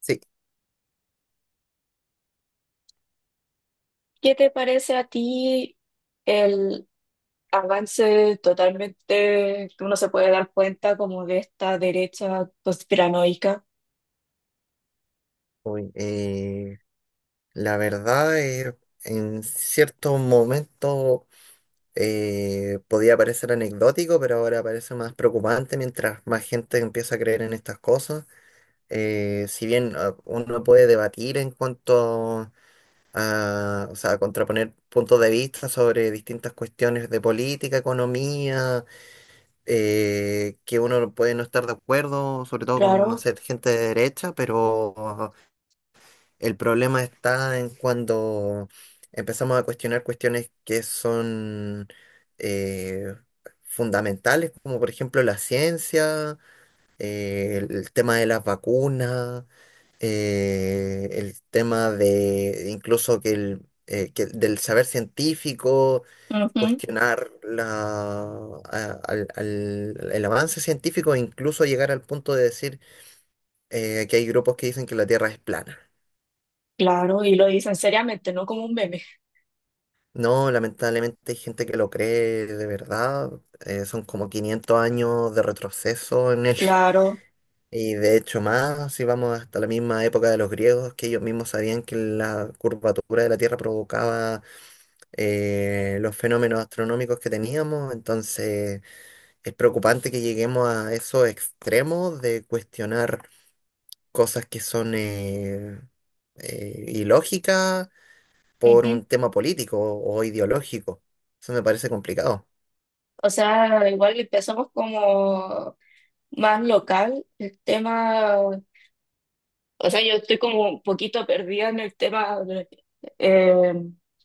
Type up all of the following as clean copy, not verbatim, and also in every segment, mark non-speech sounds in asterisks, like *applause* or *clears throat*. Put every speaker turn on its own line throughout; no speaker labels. Sí.
¿Qué te parece a ti el avance totalmente que uno se puede dar cuenta como de esta derecha conspiranoica?
uy, eh, la verdad, en ciertos momentos podía parecer anecdótico, pero ahora parece más preocupante mientras más gente empieza a creer en estas cosas. Si bien uno puede debatir en cuanto a, o sea, contraponer puntos de vista sobre distintas cuestiones de política, economía, que uno puede no estar de acuerdo, sobre todo con, no
Claro.
sé, gente de derecha, pero... El problema está en cuando empezamos a cuestionar cuestiones que son eh, fundamentales, como por ejemplo la ciencia, el tema de las vacunas, el tema de incluso que del saber científico,
Ujú.
cuestionar la, a- al- al- el avance científico, e incluso llegar al punto de decir que hay grupos que dicen que la Tierra es plana.
Claro, y lo dicen seriamente, no como un meme.
No, lamentablemente hay gente que lo cree de verdad. Son como 500 años de retroceso en él. *laughs*
Claro.
Y de hecho más, si vamos hasta la misma época de los griegos, que ellos mismos sabían que la curvatura de la Tierra provocaba los fenómenos astronómicos que teníamos. Entonces es preocupante que lleguemos a esos extremos de cuestionar cosas que son ilógicas por
Ujú.
un tema político o ideológico. Eso me parece complicado.
O sea, igual empezamos como más local el tema. O sea, yo estoy como un poquito perdida en el tema eh,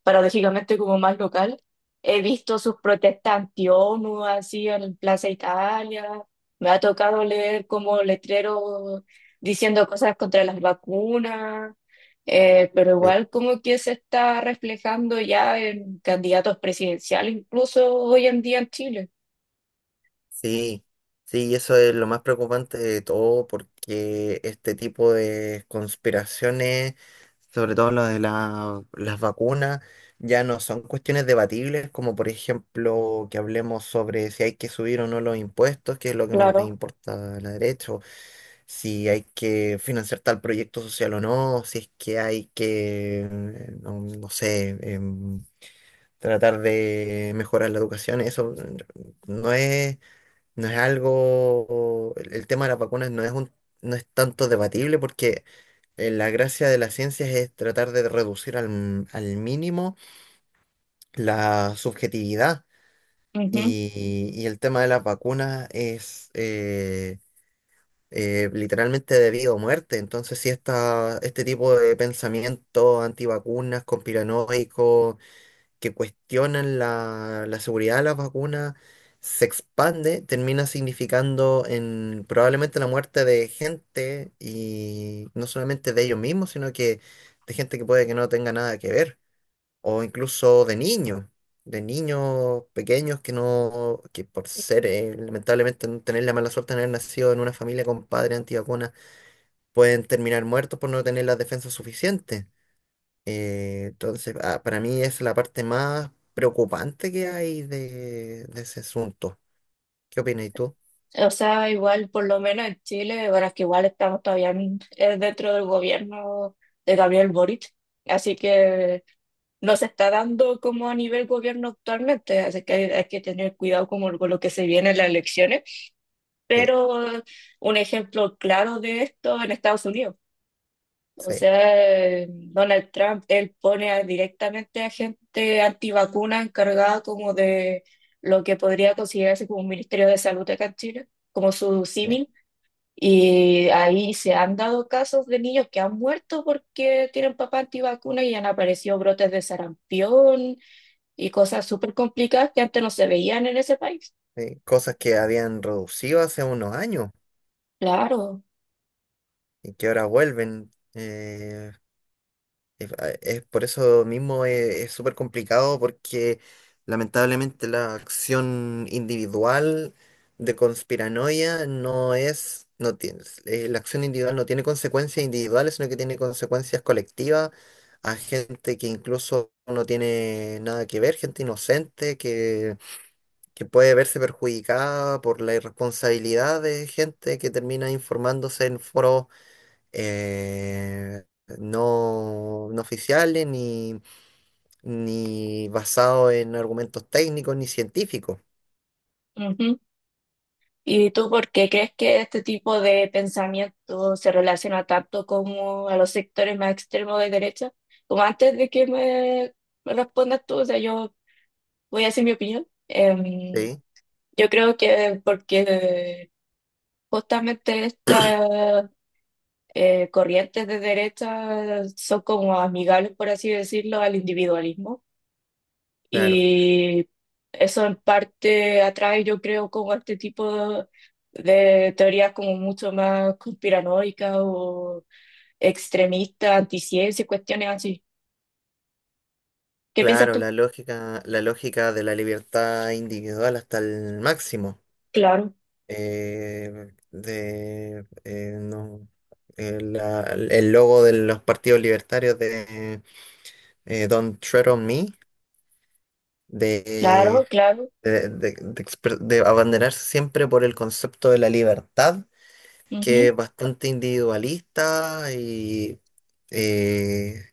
paradójicamente como más local. He visto sus protestas anti-ONU así en Plaza Italia. Me ha tocado leer como letreros diciendo cosas contra las vacunas. Pero
Eh,
igual como que se está reflejando ya en candidatos presidenciales, incluso hoy en día en Chile.
Sí, sí, eso es lo más preocupante de todo porque este tipo de conspiraciones, sobre todo las vacunas, ya no son cuestiones debatibles, como por ejemplo que hablemos sobre si hay que subir o no los impuestos, que es lo que más les
Claro.
importa a la derecha, o si hay que financiar tal proyecto social o no, si es que hay que, no, no sé, em, tratar de mejorar la educación. Eso no es No es algo, el tema de las vacunas no es tanto debatible porque la gracia de las ciencias es tratar de reducir al mínimo la subjetividad y el tema de las vacunas es literalmente de vida o muerte. Entonces, si esta, este tipo de pensamiento antivacunas, conspiranoico, que cuestionan la seguridad de las vacunas se expande, termina significando en probablemente la muerte de gente y no solamente de ellos mismos, sino que de gente que puede que no tenga nada que ver, o incluso de niños pequeños que por ser, lamentablemente, no tener la mala suerte de haber nacido en una familia con padres antivacunas, pueden terminar muertos por no tener las defensas suficientes. Entonces, para mí es la parte más preocupante que hay de ese asunto. ¿Qué opinas tú?
O sea, igual, por lo menos en Chile, bueno, es que igual estamos todavía dentro del gobierno de Gabriel Boric, así que no se está dando como a nivel gobierno actualmente, así que hay que tener cuidado como con lo que se viene en las elecciones.
Sí,
Pero un ejemplo claro de esto en Estados Unidos. O
sí,
sea, Donald Trump, él pone directamente a gente antivacuna encargada como de lo que podría considerarse como un Ministerio de Salud acá en Chile, como su
sí,
símil, y ahí se han dado casos de niños que han muerto porque tienen papá antivacuna y han aparecido brotes de sarampión y cosas súper complicadas que antes no se veían en ese país.
sí. Cosas que habían reducido hace unos años
Claro.
y que ahora vuelven. Es, ah, es por eso mismo es súper complicado porque lamentablemente la acción individual de conspiranoia no tiene, la acción individual no tiene consecuencias individuales, sino que tiene consecuencias colectivas a gente que incluso no tiene nada que ver, gente inocente que puede verse perjudicada por la irresponsabilidad de gente que termina informándose en foros eh, no oficiales, ni basado en argumentos técnicos ni científicos.
Ujú. ¿Y tú por qué crees que este tipo de pensamiento se relaciona tanto como a los sectores más extremos de derecha? Como antes de que me respondas tú, o sea, yo voy a decir mi opinión.
Sí,
Yo creo que porque justamente esta corrientes de derecha son como amigables, por así decirlo, al individualismo.
claro,
Y eso en parte atrae, yo creo, como este tipo de teorías como mucho más conspiranoicas o extremistas, anticiencia, cuestiones así. ¿Qué piensas
claro,
tú?
la lógica de la libertad individual hasta el máximo.
Claro,
De, no, la- El logo de los partidos libertarios de Don't Tread on Me, de,
claro, claro.
de abanderarse siempre por el concepto de la libertad, que
Ujú,
es bastante individualista y eh,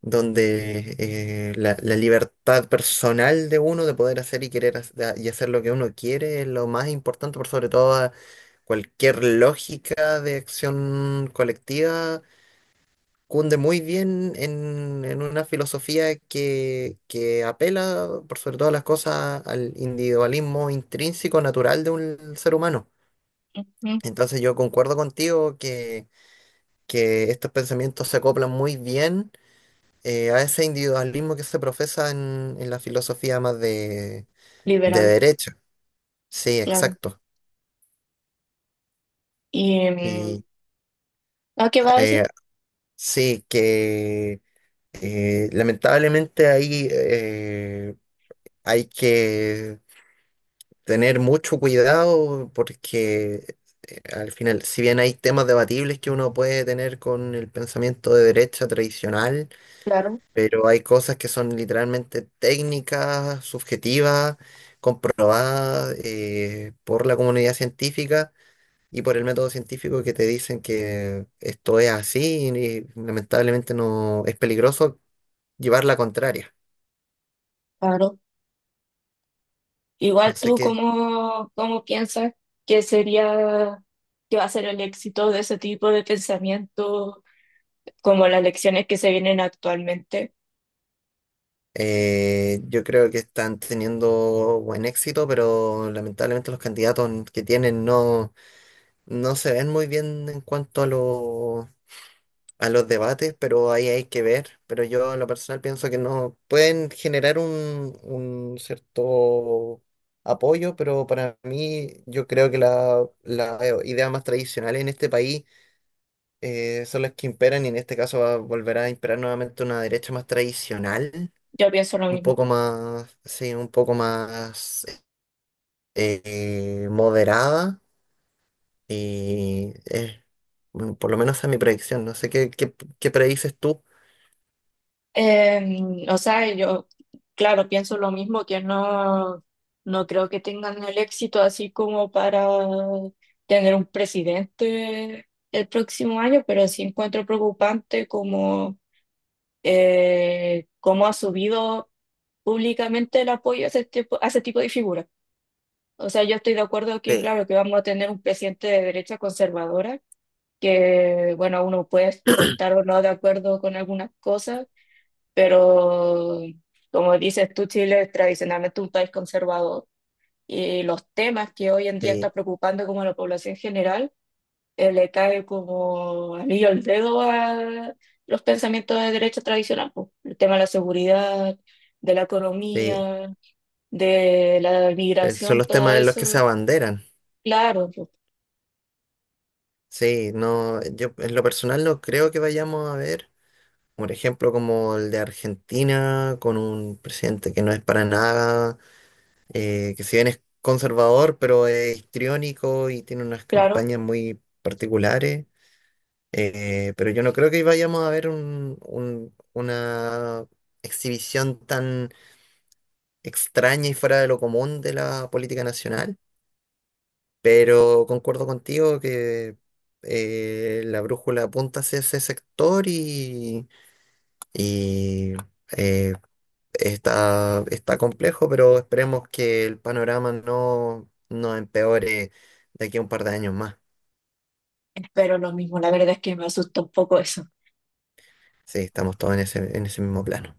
la libertad personal de uno de poder hacer y querer hac- y hacer lo que uno quiere es lo más importante, por sobre todo a cualquier lógica de acción colectiva. Cunde muy bien en una filosofía que apela, por sobre todas las cosas, al individualismo intrínseco, natural de un ser humano.
ujú,
Entonces yo concuerdo contigo que estos pensamientos se acoplan muy bien a ese individualismo que se profesa en la filosofía más de
liberal,
derecha. Sí,
claro.
exacto.
Y,
Y
¿a qué va a
eh,
decir?
sí, que lamentablemente ahí hay que tener mucho cuidado porque al final, si bien hay temas debatibles que uno puede tener con el pensamiento de derecha tradicional,
Claro,
pero hay cosas que son literalmente técnicas, subjetivas, comprobadas por la comunidad científica y por el método científico que te dicen que esto es así y, lamentablemente, no es peligroso llevar la contraria.
claro.
No
Igual
sé
tú,
qué.
¿cómo, cómo piensas que sería, que va a ser el éxito de ese tipo de pensamiento, como las lecciones que se vienen actualmente?
Yo creo que están teniendo buen éxito, pero lamentablemente los candidatos que tienen no, no se ven muy bien en cuanto a los debates, pero ahí hay que ver. Pero yo en lo personal pienso que no pueden generar un cierto apoyo, pero para mí yo creo que la idea más tradicional en este país son las que imperan y en este caso va a volver a imperar nuevamente una derecha más tradicional.
Yo pienso lo
Un
mismo.
poco más, sí, un poco más moderada y bueno, por lo menos esa es mi predicción, no sé qué, qué predices tú.
O sea, yo, claro, pienso lo mismo, que no, no creo que tengan el éxito así como para tener un presidente el próximo año, pero sí encuentro preocupante cómo ha subido públicamente el apoyo a ese tipo de figuras. O sea, yo estoy de acuerdo que,
Sí.
claro, que vamos a tener un presidente de derecha conservadora, que, bueno, uno puede o estar
*clears throat*
o no de acuerdo con algunas cosas, pero como dices tú, Chile es tradicionalmente un país conservador y los temas que hoy en día está
Eh,
preocupando como a la población general, le cae como anillo al dedo a los pensamientos de derecha tradicional, pues, el tema de la seguridad, de la
Sí,
economía, de la
son
migración,
los
todo
temas en los que se
eso,
abanderan.
claro, pues,
Sí, no, yo en lo personal no creo que vayamos a ver, por ejemplo, como el de Argentina, con un presidente que no es para nada, que si bien es conservador, pero es histriónico y tiene unas
claro,
campañas muy particulares. Pero yo no creo que vayamos a ver una exhibición tan extraña y fuera de lo común de la política nacional. Pero concuerdo contigo que la brújula apunta hacia ese sector y, eh, está complejo, pero esperemos que el panorama no, no empeore de aquí a un par de años más.
espero lo mismo, la verdad es que me asusta un poco eso.
Sí, estamos todos en ese mismo plano.